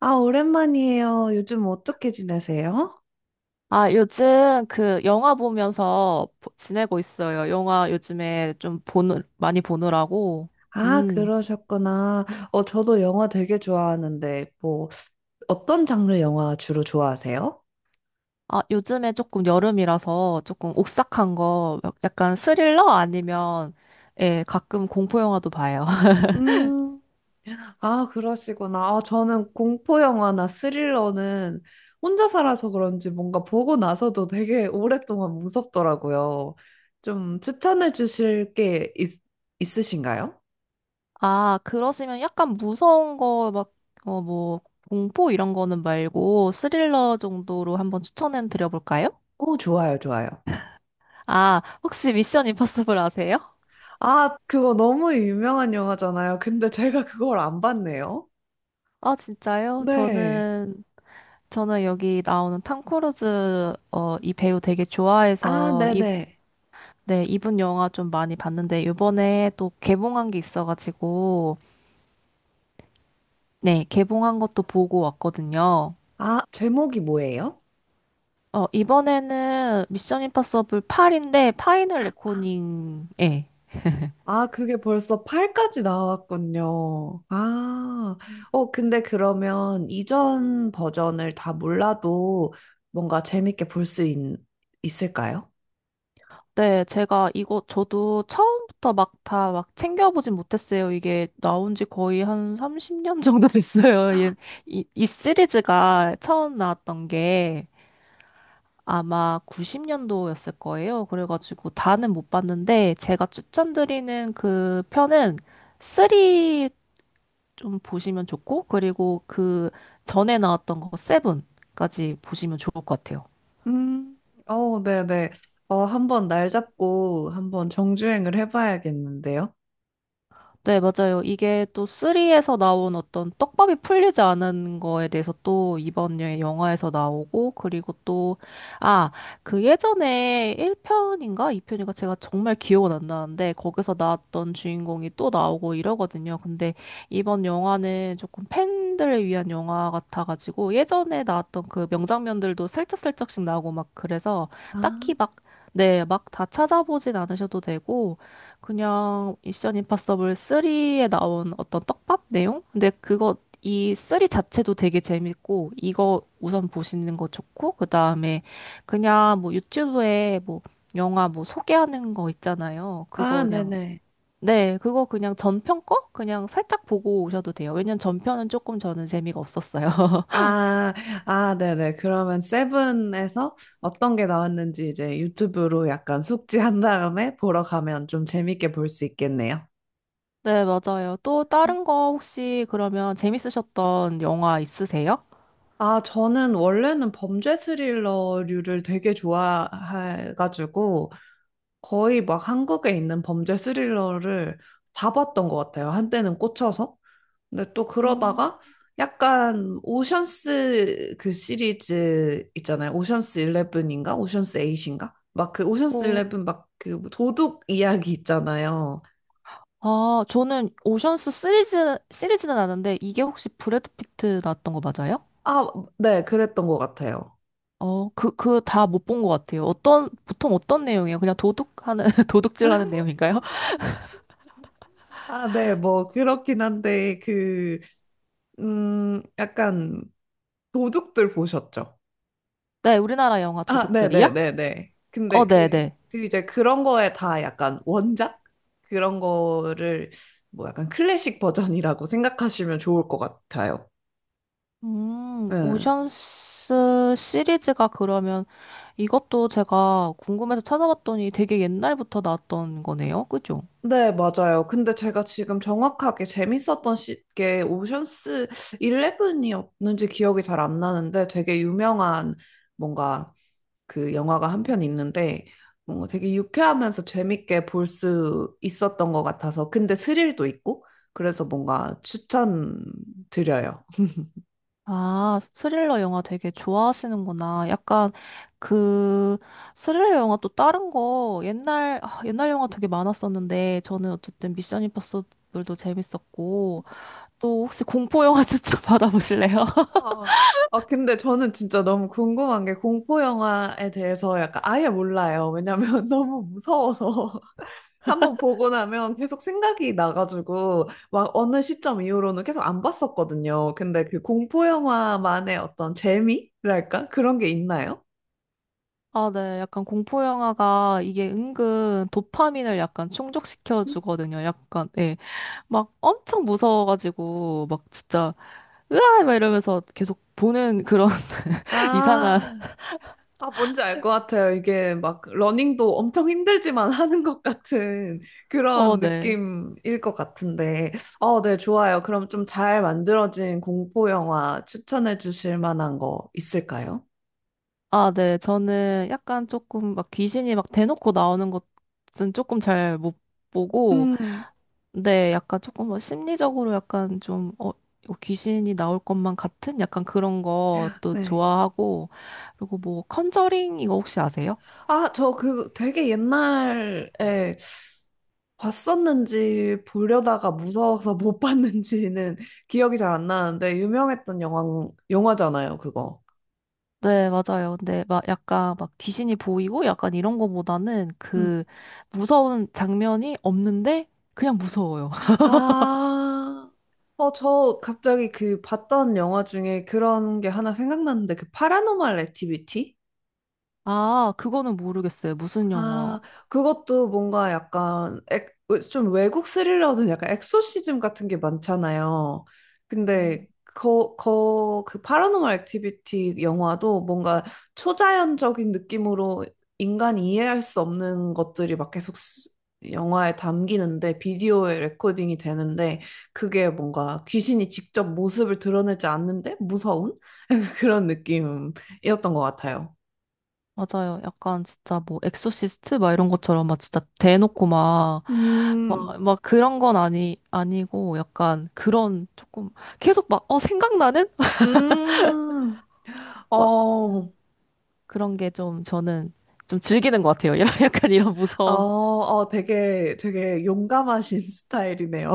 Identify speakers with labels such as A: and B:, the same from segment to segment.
A: 아, 오랜만이에요. 요즘 어떻게 지내세요?
B: 아, 요즘 그 영화 보면서 지내고 있어요. 영화 요즘에 좀 많이 보느라고.
A: 아,
B: 음.
A: 그러셨구나. 저도 영화 되게 좋아하는데, 뭐, 어떤 장르 영화 주로 좋아하세요?
B: 아, 요즘에 조금 여름이라서 조금 오싹한 거, 약간 스릴러 아니면, 예, 가끔 공포 영화도 봐요.
A: 음, 아, 그러시구나. 아, 저는 공포 영화나 스릴러는 혼자 살아서 그런지 뭔가 보고 나서도 되게 오랫동안 무섭더라고요. 좀 추천해 주실 게 있으신가요?
B: 아, 그러시면 약간 무서운 거, 막, 어, 뭐, 공포 이런 거는 말고 스릴러 정도로 한번 추천해 드려볼까요?
A: 오, 좋아요, 좋아요.
B: 아, 혹시 미션 임파서블 아세요?
A: 아, 그거 너무 유명한 영화잖아요. 근데 제가 그걸 안 봤네요.
B: 아, 진짜요?
A: 네.
B: 저는 여기 나오는 탐 크루즈 이 배우 되게
A: 아,
B: 좋아해서 이,
A: 네네.
B: 네, 이분 영화 좀 많이 봤는데 이번에 또 개봉한 게 있어가지고 네, 개봉한 것도 보고 왔거든요.
A: 아, 제목이 뭐예요?
B: 어, 이번에는 미션 임파서블 8인데 파이널 레코닝 예.
A: 아, 그게 벌써 8까지 나왔군요. 근데 그러면 이전 버전을 다 몰라도 뭔가 재밌게 볼 수 있을까요?
B: 네, 제가 이거 저도 처음부터 막 다 막 챙겨보진 못했어요. 이게 나온 지 거의 한 30년 정도 됐어요. 이 시리즈가 처음 나왔던 게. 아마 90년도였을 거예요. 그래가지고 다는 못 봤는데 제가 추천드리는 그 편은 3 좀 보시면 좋고 그리고 그 전에 나왔던 거 7까지 보시면 좋을 것 같아요.
A: 음, 네네. 한번 날 잡고 한번 정주행을 해봐야겠는데요.
B: 네, 맞아요. 이게 또 3에서 나온 어떤 떡밥이 풀리지 않은 거에 대해서 또 영화에서 나오고, 그리고 또, 아, 그 예전에 1편인가 2편인가 제가 정말 기억은 안 나는데, 거기서 나왔던 주인공이 또 나오고 이러거든요. 근데 이번 영화는 조금 팬들을 위한 영화 같아가지고, 예전에 나왔던 그 명장면들도 슬쩍슬쩍씩 나오고 막 그래서,
A: 아,
B: 딱히 막, 네, 막 다 찾아보진 않으셔도 되고, 그냥 미션 임파서블 3에 나온 어떤 떡밥 내용? 근데 그거 이 3 자체도 되게 재밌고 이거 우선 보시는 거 좋고 그다음에 그냥 뭐 유튜브에 뭐 영화 뭐 소개하는 거 있잖아요. 그거 그냥
A: 네네.
B: 네, 그거 그냥 전편 거 그냥 살짝 보고 오셔도 돼요. 왜냐면 전편은 조금 저는 재미가 없었어요.
A: 아, 네네. 그러면 세븐에서 어떤 게 나왔는지 이제 유튜브로 약간 숙지한 다음에 보러 가면 좀 재밌게 볼 수 있겠네요.
B: 네, 맞아요. 또 다른 거 혹시 그러면 재밌으셨던 영화 있으세요?
A: 아, 저는 원래는 범죄 스릴러류를 되게 좋아해가지고, 거의 막 한국에 있는 범죄 스릴러를 다 봤던 것 같아요. 한때는 꽂혀서. 근데 또
B: 음,
A: 그러다가 약간 오션스 그 시리즈 있잖아요. 오션스 11인가? 오션스 8인가? 막 그 오션스
B: 뭐
A: 11 막 그 도둑 이야기 있잖아요.
B: 아, 저는 오션스 시리즈, 시리즈는 아는데, 이게 혹시 브래드 피트 나왔던 거 맞아요?
A: 아, 네, 그랬던 것 같아요.
B: 어, 그 다 못 본 것 같아요. 어떤, 보통 어떤 내용이에요? 그냥 도둑하는, 도둑질하는 내용인가요?
A: 아, 네, 뭐 그렇긴 한데 약간 도둑들 보셨죠?
B: 네, 우리나라 영화
A: 아,
B: 도둑들이요?
A: 네네네네.
B: 어,
A: 근데 그,
B: 네네.
A: 그 이제 그런 거에 다 약간 원작? 그런 거를 뭐 약간 클래식 버전이라고 생각하시면 좋을 것 같아요. 네.
B: 오션스 시리즈가 그러면 이것도 제가 궁금해서 찾아봤더니 되게 옛날부터 나왔던 거네요. 그죠?
A: 네, 맞아요. 근데 제가 지금 정확하게 재밌었던 게 오션스 11이었는지 기억이 잘 안 나는데 되게 유명한 뭔가 그 영화가 한 편 있는데 뭔가 되게 유쾌하면서 재밌게 볼 수 있었던 것 같아서 근데 스릴도 있고 그래서 뭔가 추천드려요.
B: 아, 스릴러 영화 되게 좋아하시는구나. 약간 그 스릴러 영화 또 다른 거 옛날 영화 되게 많았었는데 저는 어쨌든 미션 임파서블도 재밌었고 또 혹시 공포 영화 추천 받아보실래요?
A: 와. 아, 근데 저는 진짜 너무 궁금한 게 공포 영화에 대해서 약간 아예 몰라요. 왜냐면 너무 무서워서 한번 보고 나면 계속 생각이 나가지고 막 어느 시점 이후로는 계속 안 봤었거든요. 근데 그 공포 영화만의 어떤 재미랄까? 그런 게 있나요?
B: 아, 네. 약간 공포 영화가 이게 은근 도파민을 약간 충족시켜
A: 음?
B: 주거든요. 약간 예. 막 엄청 무서워가지고 막 진짜 으아 막 이러면서 계속 보는 그런 이상한
A: 아, 아, 뭔지 알 것 같아요. 이게 막 러닝도 엄청 힘들지만 하는 것 같은
B: 어,
A: 그런
B: 네.
A: 느낌일 것 같은데. 네, 좋아요. 그럼 좀 잘 만들어진 공포 영화 추천해 주실 만한 거 있을까요?
B: 아, 네. 저는 약간 조금 막 귀신이 막 대놓고 나오는 것은 조금 잘 못 보고,
A: 음,
B: 근데 약간 조금 뭐 심리적으로 약간 좀, 어, 이거 귀신이 나올 것만 같은 약간 그런 것도
A: 네.
B: 좋아하고, 그리고 뭐 컨저링 이거 혹시 아세요?
A: 아, 저 그 되게 옛날에 봤었는지 보려다가 무서워서 못 봤는지는 기억이 잘 안 나는데 유명했던 영화잖아요, 그거.
B: 네, 맞아요. 근데 막 약간 막 귀신이 보이고 약간 이런 거보다는 그 무서운 장면이 없는데 그냥 무서워요.
A: 아, 저 갑자기 그 봤던 영화 중에 그런 게 하나 생각났는데, 그 파라노말 액티비티?
B: 아, 그거는 모르겠어요. 무슨 영화?
A: 아, 그것도 뭔가 약간 좀 외국 스릴러는 약간 엑소시즘 같은 게 많잖아요. 근데 그 파라노멀 액티비티 영화도 뭔가 초자연적인 느낌으로 인간이 이해할 수 없는 것들이 막 계속 영화에 담기는데 비디오에 레코딩이 되는데 그게 뭔가 귀신이 직접 모습을 드러내지 않는데 무서운 그런 느낌이었던 것 같아요.
B: 맞아요. 약간 진짜 뭐 엑소시스트 막 이런 것처럼 막 진짜 대놓고 막,
A: 음,
B: 막 그런 건 아니, 아니고 약간 그런 조금 계속 막, 어, 생각나는?
A: 음.
B: 막
A: 어,
B: 그런 게 좀 저는 좀 즐기는 것 같아요. 이런 약간 이런 무서운.
A: 되게, 되게 용감하신 스타일이네요.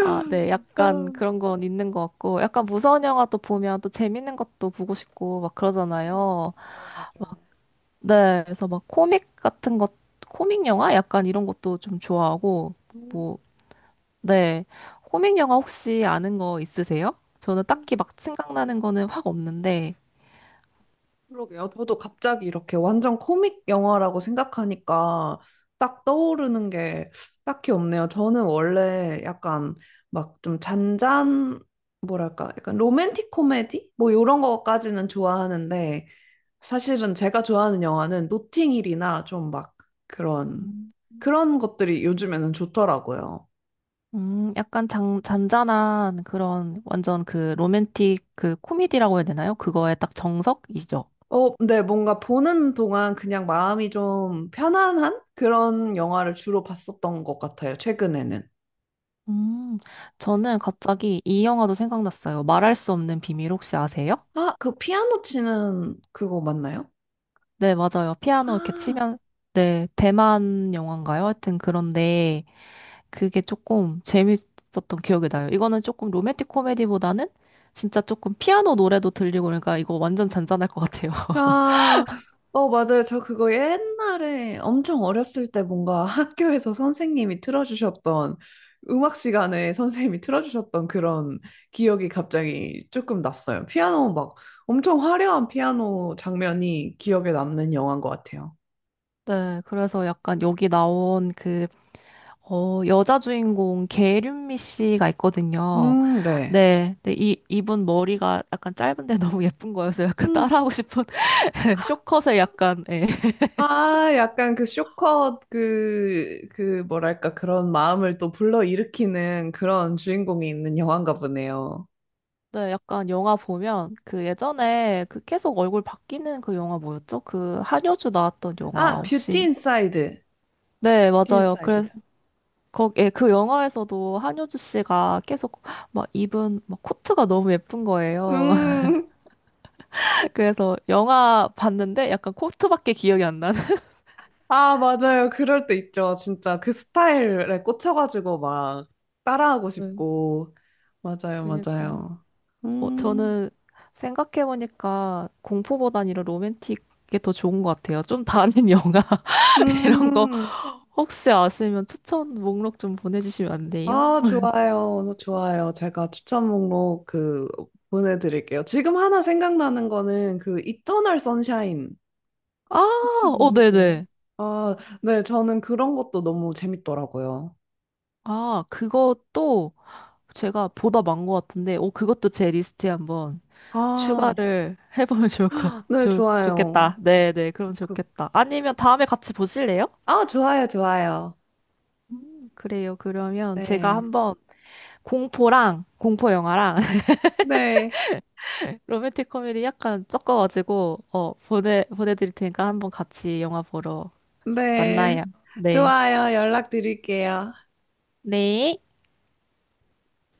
B: 아, 네. 약간
A: 음,
B: 그런 건 있는 것 같고 약간 무서운 영화 또 보면 또 재밌는 것도 보고 싶고 막 그러잖아요.
A: 맞아요, 맞아요.
B: 네. 그래서 막 코믹 같은 것, 코믹 영화? 약간 이런 것도 좀 좋아하고
A: 음,
B: 뭐 네. 코믹 영화 혹시 아는 거 있으세요? 저는
A: 어,
B: 딱히 막 생각나는 거는 확 없는데,
A: 그러게요. 저도 갑자기 이렇게 완전 코믹 영화라고 생각하니까 딱 떠오르는 게 딱히 없네요. 저는 원래 약간 막 좀 뭐랄까, 약간 로맨틱 코미디? 뭐 이런 거까지는 좋아하는데, 사실은 제가 좋아하는 영화는 노팅힐이나 좀 막 그런
B: 음.
A: 그런 것들이 요즘에는 좋더라고요.
B: 약간 잔잔한 그런 완전 그 로맨틱 그 코미디라고 해야 되나요? 그거에 딱 정석이죠.
A: 근데 뭔가 보는 동안 그냥 마음이 좀 편안한 그런 영화를 주로 봤었던 것 같아요, 최근에는.
B: 음, 저는 갑자기 이 영화도 생각났어요. 말할 수 없는 비밀 혹시 아세요?
A: 아, 그 피아노 치는 그거 맞나요?
B: 네, 맞아요. 피아노 이렇게
A: 아,
B: 치면, 네, 대만 영화인가요? 하여튼 그런데, 그게 조금 재밌었던 기억이 나요. 이거는 조금 로맨틱 코미디보다는 진짜 조금 피아노 노래도 들리고 그러니까 이거 완전 잔잔할 것 같아요.
A: 아, 맞아요. 저 그거 옛날에 엄청 어렸을 때 뭔가 학교에서 선생님이 틀어주셨던 음악 시간에 선생님이 틀어주셨던 그런 기억이 갑자기 조금 났어요. 피아노 막 엄청 화려한 피아노 장면이 기억에 남는 영화인 것 같아요.
B: 네, 그래서 약간 여기 나온 그, 어, 여자 주인공 계륜미 씨가 있거든요.
A: 네.
B: 네, 네, 이분 머리가 약간 짧은데 너무 예쁜 거여서 약간
A: 음,
B: 따라하고 싶은 쇼컷에 약간, 예.
A: 아, 약간 그 쇼컷 그 뭐랄까 그런 마음을 또 불러일으키는 그런 주인공이 있는 영화인가 보네요.
B: 네, 약간 영화 보면 그 예전에 그 계속 얼굴 바뀌는 그 영화 뭐였죠? 그 한효주 나왔던 영화
A: 아, 뷰티
B: 혹시
A: 인사이드.
B: 네,
A: 뷰티 스
B: 맞아요.
A: 타일드
B: 그래서
A: 죠
B: 거, 예, 그 영화에서도 한효주 씨가 계속 막 입은 막 코트가 너무 예쁜 거예요.
A: 음,
B: 그래서 영화 봤는데 약간 코트밖에 기억이 안 나는.
A: 아, 맞아요. 그럴 때 있죠. 진짜 그 스타일에 꽂혀가지고 막 따라하고
B: 네,
A: 싶고. 맞아요,
B: 그니까요.
A: 맞아요.
B: 어,
A: 음,
B: 저는 생각해보니까 공포보단 이런 로맨틱이 더 좋은 것 같아요. 좀 다른 영화 이런 거
A: 음,
B: 혹시 아시면 추천 목록 좀 보내주시면 안 돼요?
A: 아, 좋아요. 좋아요. 제가 추천 목록 그 보내드릴게요. 지금 하나 생각나는 거는 그 이터널 선샤인.
B: 아,
A: 혹시
B: 어,
A: 보셨어요?
B: 네네.
A: 아, 네, 저는 그런 것도 너무 재밌더라고요.
B: 아, 그것도 제가 보다 많은 것 같은데, 오, 그것도 제 리스트에 한번
A: 아,
B: 추가를 해보면 좋을 것,
A: 네, 좋아요.
B: 좋겠다. 네네, 그럼
A: 그,
B: 좋겠다. 아니면 다음에 같이 보실래요?
A: 아, 좋아요, 좋아요.
B: 그래요. 그러면 제가
A: 네.
B: 한번 공포랑, 공포 영화랑
A: 네.
B: 로맨틱 코미디 약간 섞어가지고, 어, 보내드릴 테니까 한번 같이 영화 보러
A: 네.
B: 만나요. 네.
A: 좋아요. 연락드릴게요.
B: 네.